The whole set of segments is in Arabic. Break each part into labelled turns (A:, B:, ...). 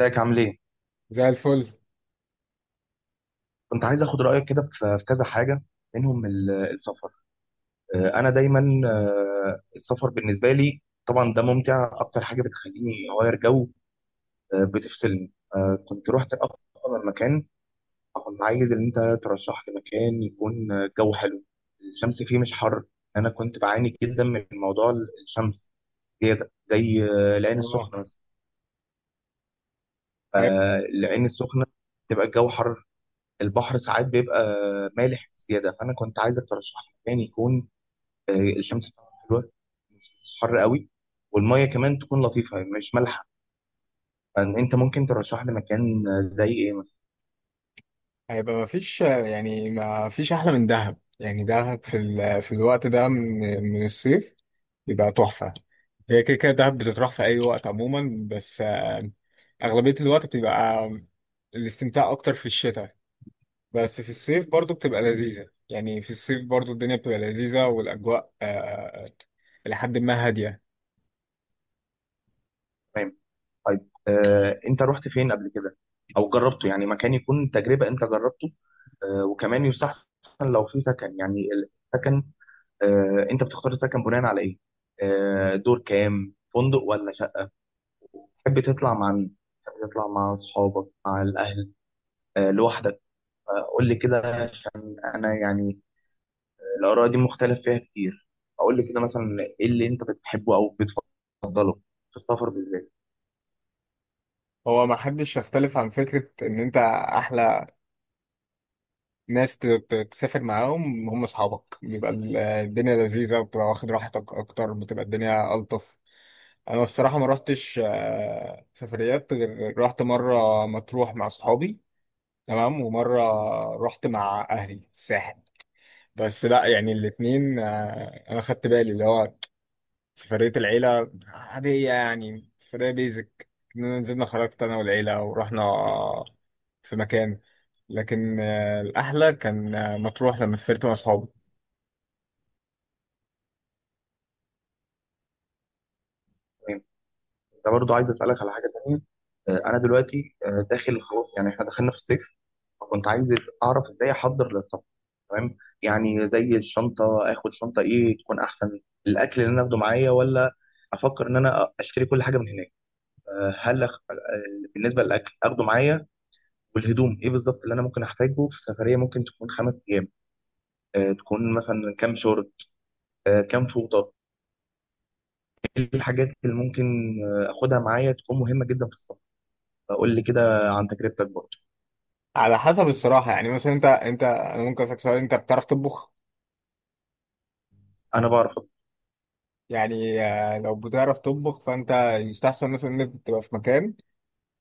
A: ازيك عامل ايه؟
B: زي الفل.
A: كنت عايز اخد رايك كده في كذا حاجه منهم السفر. انا دايما، السفر بالنسبه لي طبعا ده ممتع اكتر حاجه بتخليني اغير جو. بتفصلني. كنت رحت اكتر من مكان. كنت عايز ان انت ترشح لي مكان يكون جو حلو، الشمس فيه مش حر. انا كنت بعاني جدا من موضوع الشمس، زياده زي العين
B: اه
A: السخنه مثلا.
B: هي-
A: العين السخنه تبقى الجو حر، البحر ساعات بيبقى مالح بزياده. فانا كنت عايزك ترشح لي مكان يكون آه، الشمس بتاعته حلوه، مش حر قوي، والميه كمان تكون لطيفه مش مالحه. فإن انت ممكن ترشح لي مكان زي ايه مثلا؟
B: هيبقى مفيش يعني، مفيش أحلى من دهب. يعني دهب في في الوقت ده من الصيف يبقى تحفة. هي كده كده دهب بتتراح في أي وقت عموما، بس أغلبية الوقت بتبقى الاستمتاع أكتر في الشتاء، بس في الصيف برضو بتبقى لذيذة. يعني في الصيف برضو الدنيا بتبقى لذيذة، والأجواء إلى حد ما هادية.
A: تمام. طيب، انت رحت فين قبل كده؟ او جربته يعني مكان يكون تجربه انت جربته. وكمان يستحسن لو في سكن يعني، السكن. انت بتختار السكن بناء على ايه؟ دور كام، فندق ولا شقه؟ تحب تطلع مع مين؟ تحب تطلع مع اصحابك، مع الاهل، لوحدك؟ فقول لي كده، عشان انا يعني الاراء دي مختلف فيها كتير. اقول لي كده مثلا ايه اللي انت بتحبه او بتفضله في السفر بالذات.
B: هو ما حدش يختلف عن فكرة إن أنت أحلى ناس تسافر معاهم هم اصحابك، بيبقى الدنيا لذيذه، وبتبقى واخد راحتك اكتر، بتبقى الدنيا الطف. انا الصراحه ما رحتش سفريات غير رحت مره مطروح مع اصحابي، تمام، ومره رحت مع اهلي الساحل. بس لا يعني الاتنين انا خدت بالي اللي هو في فرقة العيلة عادية، يعني فرقة بيزك إننا نزلنا، خرجت أنا والعيلة ورحنا في مكان. لكن الأحلى كان مطروح لما سافرت مع أصحابي.
A: تمام. انت برضو عايز اسالك على حاجه تانية. انا دلوقتي، داخل خلاص، يعني احنا دخلنا في الصيف، فكنت عايز اعرف ازاي احضر للسفر. تمام، يعني زي الشنطه، اخد شنطه ايه تكون احسن؟ الاكل اللي انا اخده معايا ولا افكر ان انا اشتري كل حاجه من هناك؟ آه، هل أخ... آه، بالنسبه للاكل اخده معايا. والهدوم ايه بالظبط اللي انا ممكن احتاجه في سفريه ممكن تكون 5 ايام؟ تكون مثلا كام شورت؟ كام فوطه؟ ايه الحاجات اللي ممكن اخدها معايا تكون مهمه جدا في السفر؟ فقول لي كده عن تجربتك برضه.
B: على حسب الصراحة. يعني مثلا أنت أنا ممكن أسألك سؤال، أنت بتعرف تطبخ؟
A: انا بعرف أطبخ.
B: يعني لو بتعرف تطبخ فأنت يستحسن مثلا إن أنت تبقى في مكان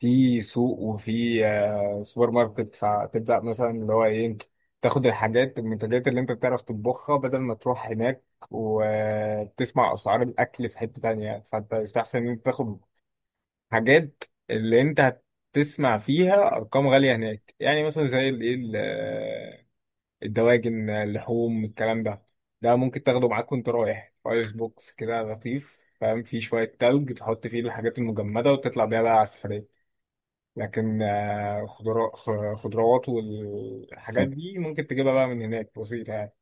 B: في سوق، وفي سوبر ماركت، فتبدأ مثلا اللي هو ايه، تاخد الحاجات المنتجات اللي انت بتعرف تطبخها، بدل ما تروح هناك وتسمع أسعار الأكل في حتة تانية. فانت يستحسن ان انت تاخد حاجات اللي انت هتسمع فيها أرقام غالية هناك، يعني مثلا زي الايه الدواجن، اللحوم، الكلام ده، ده ممكن تاخده معاك وانت رايح. ايس بوكس كده لطيف فاهم، فيه شوية تلج تحط فيه الحاجات المجمدة وتطلع بيها بقى على السفرية. لكن خضروات والحاجات
A: تمام.
B: دي ممكن تجيبها بقى من هناك، بسيطة يعني.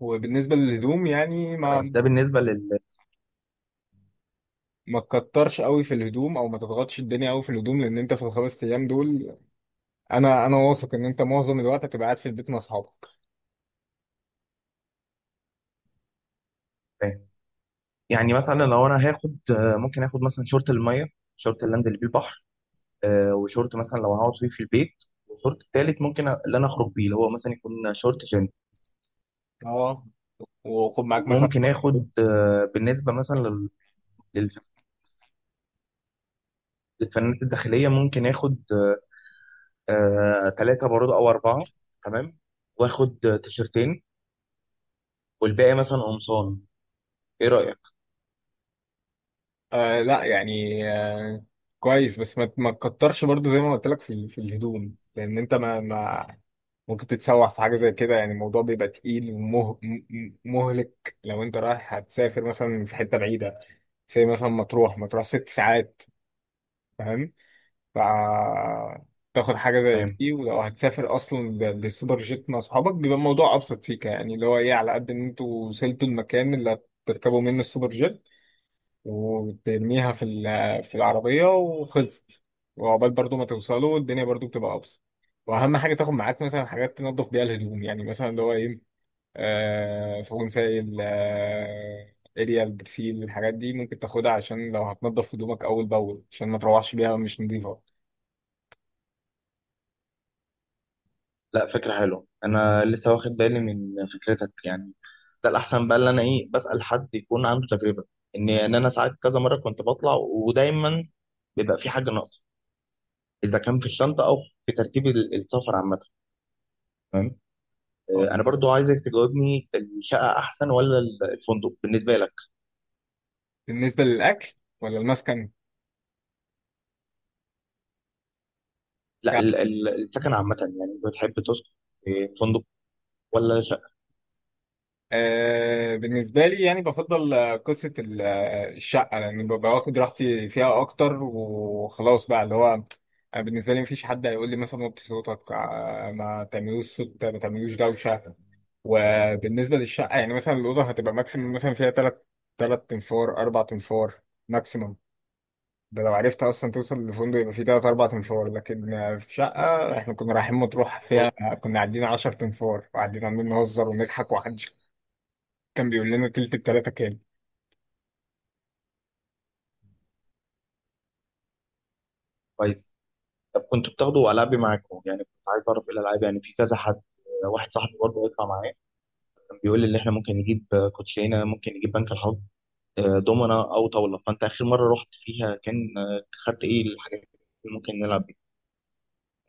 B: وبالنسبة للهدوم، يعني
A: تمام،
B: ما
A: ده بالنسبه لل.
B: ما تكترش قوي في الهدوم، او ما تضغطش الدنيا قوي في الهدوم، لان انت في الـ5 ايام دول انا واثق ان انت معظم الوقت هتبقى قاعد في البيت مع اصحابك.
A: تمام. يعني مثلا لو انا هاخد، ممكن اخد مثلا شورت الميه، شورت اللي انزل بيه البحر، وشورت مثلا لو هقعد فيه في البيت، والشورت التالت ممكن، اللي انا اخرج بيه اللي هو مثلا يكون شورت جينز.
B: اه، وخد معاك مثلا.
A: ممكن اخد بالنسبه مثلا لل- الفنانات الداخلية، ممكن آخد ثلاثة برضه أو أربعة. تمام. وآخد تيشرتين، والباقي مثلا قمصان. إيه رأيك؟
B: لا يعني، كويس، بس ما تكترش برضو زي ما قلت لك في في الهدوم، لان انت ما ممكن تتسوح في حاجة زي كده. يعني الموضوع بيبقى تقيل ومهلك لو انت رايح، هتسافر مثلا في حتة بعيدة زي مثلا مطروح. 6 ساعات، فاهم؟ ف تاخد حاجة زي
A: تمام.
B: دي. ولو هتسافر أصلا بسوبر جيت مع صحابك، بيبقى الموضوع أبسط سيكة. يعني اللي هو إيه، على قد إن أنتوا وصلتوا المكان اللي هتركبوا منه السوبر جيت وترميها في في العربية وخلصت، وعقبال برضو ما توصلوا الدنيا برضو بتبقى أبسط. واهم حاجه تاخد معاك مثلا حاجات تنظف بيها الهدوم، يعني مثلا اللي هو ايه، صابون سائل، اريال، برسيل، الحاجات دي ممكن تاخدها عشان لو هتنضف هدومك اول باول، عشان ما تروحش بيها مش نظيفه.
A: لا، فكرة حلوة. أنا لسه واخد بالي من فكرتك يعني، ده الأحسن بقى، اللي أنا إيه بسأل حد يكون عنده تجربة. إن أنا ساعات كذا مرة كنت بطلع، ودايما بيبقى في حاجة ناقصة، إذا كان في الشنطة أو في ترتيب السفر عامة. تمام. أنا برضو عايزك تجاوبني، الشقة أحسن ولا الفندق بالنسبة لك؟
B: بالنسبه للاكل ولا المسكن
A: لا،
B: بتاعك؟
A: السكن عامة، يعني انت بتحب تسكن في فندق ولا شقة؟
B: بالنسبه لي، يعني بفضل قصه الشقه، لان ببقى واخد راحتي فيها اكتر، وخلاص بقى اللي هو أنا بالنسبه لي مفيش حد هيقول لي مثلا وطي صوتك، ما تعملوش صوت، ما تعملوش دوشه. وبالنسبة للشقة، يعني مثلا الأوضة هتبقى ماكسيمم مثلا فيها تلات، تنفار، أربع تنفار ماكسيمم. ده لو عرفت أصلا توصل للفندق، يبقى فيه تلات أربع تنفار. لكن في شقة إحنا كنا رايحين مطروح فيها كنا عدينا 10 تنفار، وقاعدين عمالين نهزر ونضحك، ومحدش كان بيقول لنا تلت بتلاتة كام.
A: كويس. طب كنت بتاخدوا ألعابي معاكم؟ يعني كنت عايز أعرف إيه الألعاب، يعني في كذا حد. واحد صاحبي برضه هيطلع معايا، كان بيقول لي إن إحنا ممكن نجيب كوتشينة، ممكن نجيب بنك الحظ، دومنا أو طاولة. فأنت آخر مرة رحت فيها كان خدت إيه الحاجات اللي ممكن نلعب بيها؟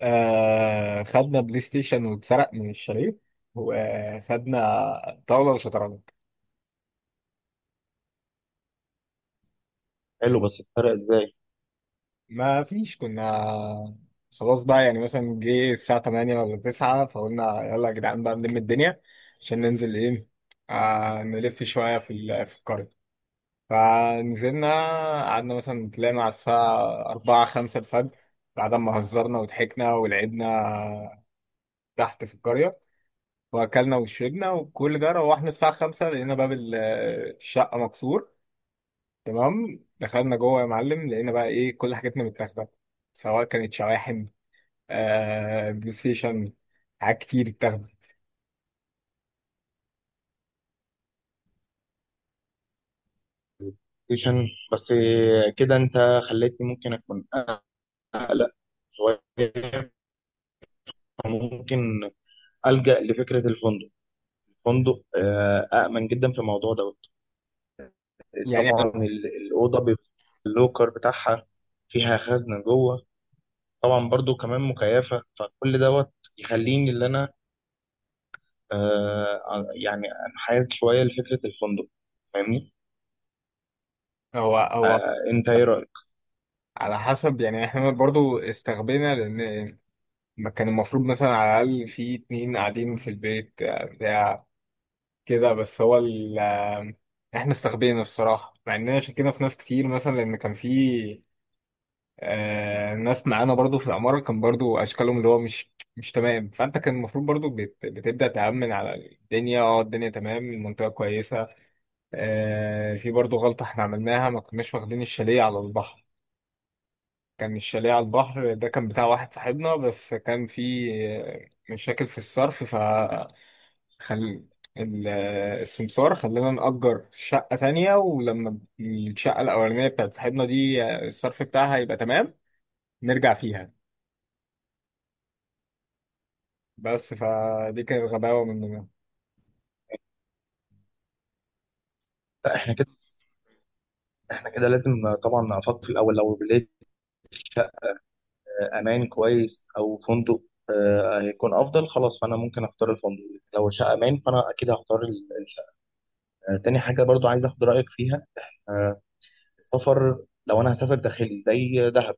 B: آه خدنا بلاي ستيشن واتسرق من الشاليه، وخدنا طاولة وشطرنج.
A: حلو. بس الفرق إزاي؟
B: ما فيش، كنا خلاص بقى يعني مثلا جه الساعة 8 ولا 9، فقلنا يلا يا جدعان بقى نلم الدنيا عشان ننزل ايه، آه نلف شوية في في القرية. فنزلنا قعدنا مثلا، طلعنا على الساعة 4، 5 الفجر بعد ما هزرنا وضحكنا ولعبنا تحت في القرية وأكلنا وشربنا وكل ده. روحنا الساعة 5 لقينا باب الشقة مكسور. تمام، دخلنا جوه يا معلم لقينا بقى ايه كل حاجتنا متاخدة، سواء كانت شواحن، آه بلاي ستيشن، حاجات كتير اتاخدت.
A: ستيشن. بس كده أنت خليتني ممكن أكون أقلق شوية، ممكن ألجأ لفكرة الفندق. فندق أأمن جدا في الموضوع دوت.
B: يعني
A: طبعا الأوضة بيبقى اللوكر بتاعها فيها خزنة جوه، طبعا برضو كمان مكيفة، فكل دوت يخليني اللي أنا يعني أنحاز شوية لفكرة الفندق. فاهمني؟
B: هو
A: أنت إيه رأيك؟
B: على حسب. يعني احنا برضو استغبينا، لان ما كان المفروض مثلا على الاقل في اتنين قاعدين في البيت بتاع كده، بس هو ال آه، احنا استغبينا الصراحه، مع اننا شكينا في ناس كتير، مثلا لان كان في آه ناس معانا برضو في العماره كان برضو اشكالهم اللي هو مش تمام. فانت كان المفروض برضو بتبدا تامن على الدنيا. اه الدنيا تمام، المنطقه كويسه. في برضو غلطة احنا عملناها، ما كناش واخدين الشاليه على البحر. كان الشاليه على البحر ده كان بتاع واحد صاحبنا، بس كان في مشاكل في الصرف، فخل السمسار خلانا نأجر شقة تانية، ولما الشقة الأولانية بتاعت صاحبنا دي الصرف بتاعها يبقى تمام نرجع فيها. بس فدي كانت غباوة مننا.
A: لا، احنا كده لازم طبعا نفكر في الأول. لو لقيت شقة أمان كويس أو فندق، هيكون أفضل خلاص. فأنا ممكن أختار الفندق، لو شقة أمان فأنا أكيد هختار الفندق. تاني حاجة برضو عايز اخد رأيك فيها، آه، السفر لو انا هسافر داخلي زي دهب،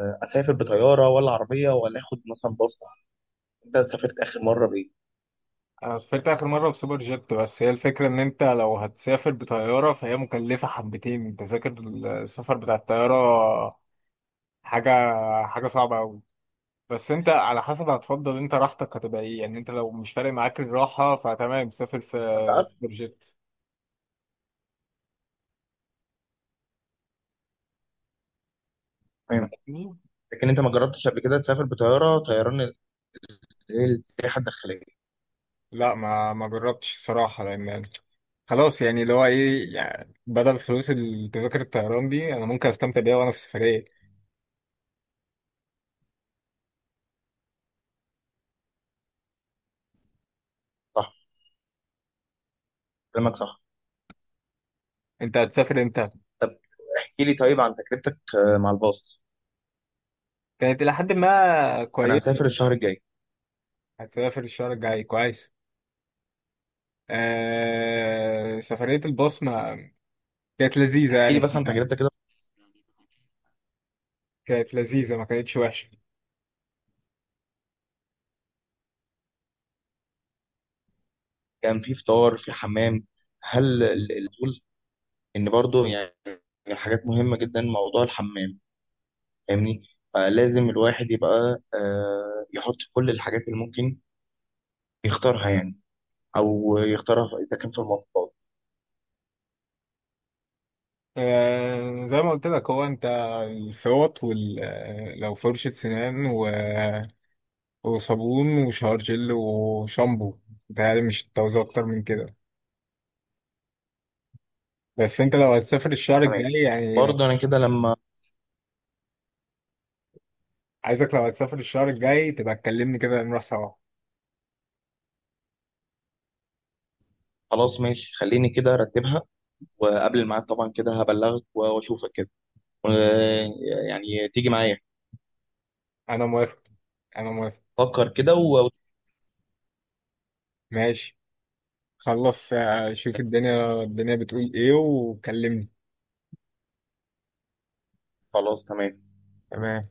A: اسافر بطيارة ولا عربية ولا اخد مثلا باص؟ انت سافرت اخر مرة بايه؟
B: انا سافرت اخر مره بسوبر جيت. بس هي الفكره ان انت لو هتسافر بطياره فهي مكلفه حبتين، تذاكر السفر بتاع الطياره حاجه حاجه صعبه قوي. بس انت على حسب، هتفضل انت راحتك هتبقى ايه. يعني انت لو مش فارق معاك الراحه فتمام، سافر في
A: ما تعرفش.
B: سوبر جيت.
A: تمام، لكن انت ما جربتش قبل كده تسافر بطيارة طيران اللي هي السياحة الداخلية؟
B: لا ما جربتش الصراحه، لان خلاص يعني اللي هو ايه، يعني بدل فلوس التذاكر الطيران دي انا ممكن استمتع بيها وانا في السفريه.
A: صح، كلامك صح.
B: انت هتسافر امتى؟
A: طب احكي لي طيب عن تجربتك مع الباص.
B: كانت الى حد ما
A: انا
B: كويسه.
A: هسافر الشهر الجاي.
B: هتسافر الشهر الجاي، كويس. سفرية البصمة كانت لذيذة،
A: احكي لي
B: يعني
A: بس عن تجربتك كده،
B: كانت لذيذة ما كانتش وحشة.
A: كان في فطار، في حمام؟ هل الفضول ان برضو يعني، من الحاجات مهمة جدا موضوع الحمام، فاهمني؟ فلازم الواحد يبقى يحط كل الحاجات اللي ممكن يختارها يعني، او يختارها اذا كان في المواصلات.
B: زي ما قلت لك، هو انت الفوط وال... آه، لو فرشة سنان وصابون وشاور جل وشامبو، بتهيألي مش هتعوز أكتر من كده. بس انت لو هتسافر الشهر الجاي
A: تمام.
B: يعني،
A: برضه انا كده لما،
B: عايزك لو هتسافر الشهر الجاي تبقى تكلمني كده نروح سوا.
A: خلاص ماشي. خليني كده ارتبها، وقبل الميعاد طبعا كده هبلغك واشوفك كده و- يعني تيجي معايا.
B: أنا موافق، أنا موافق.
A: فكر كده
B: ماشي، خلص. شوف الدنيا الدنيا بتقول ايه وكلمني.
A: وخلاص. تمام.
B: تمام.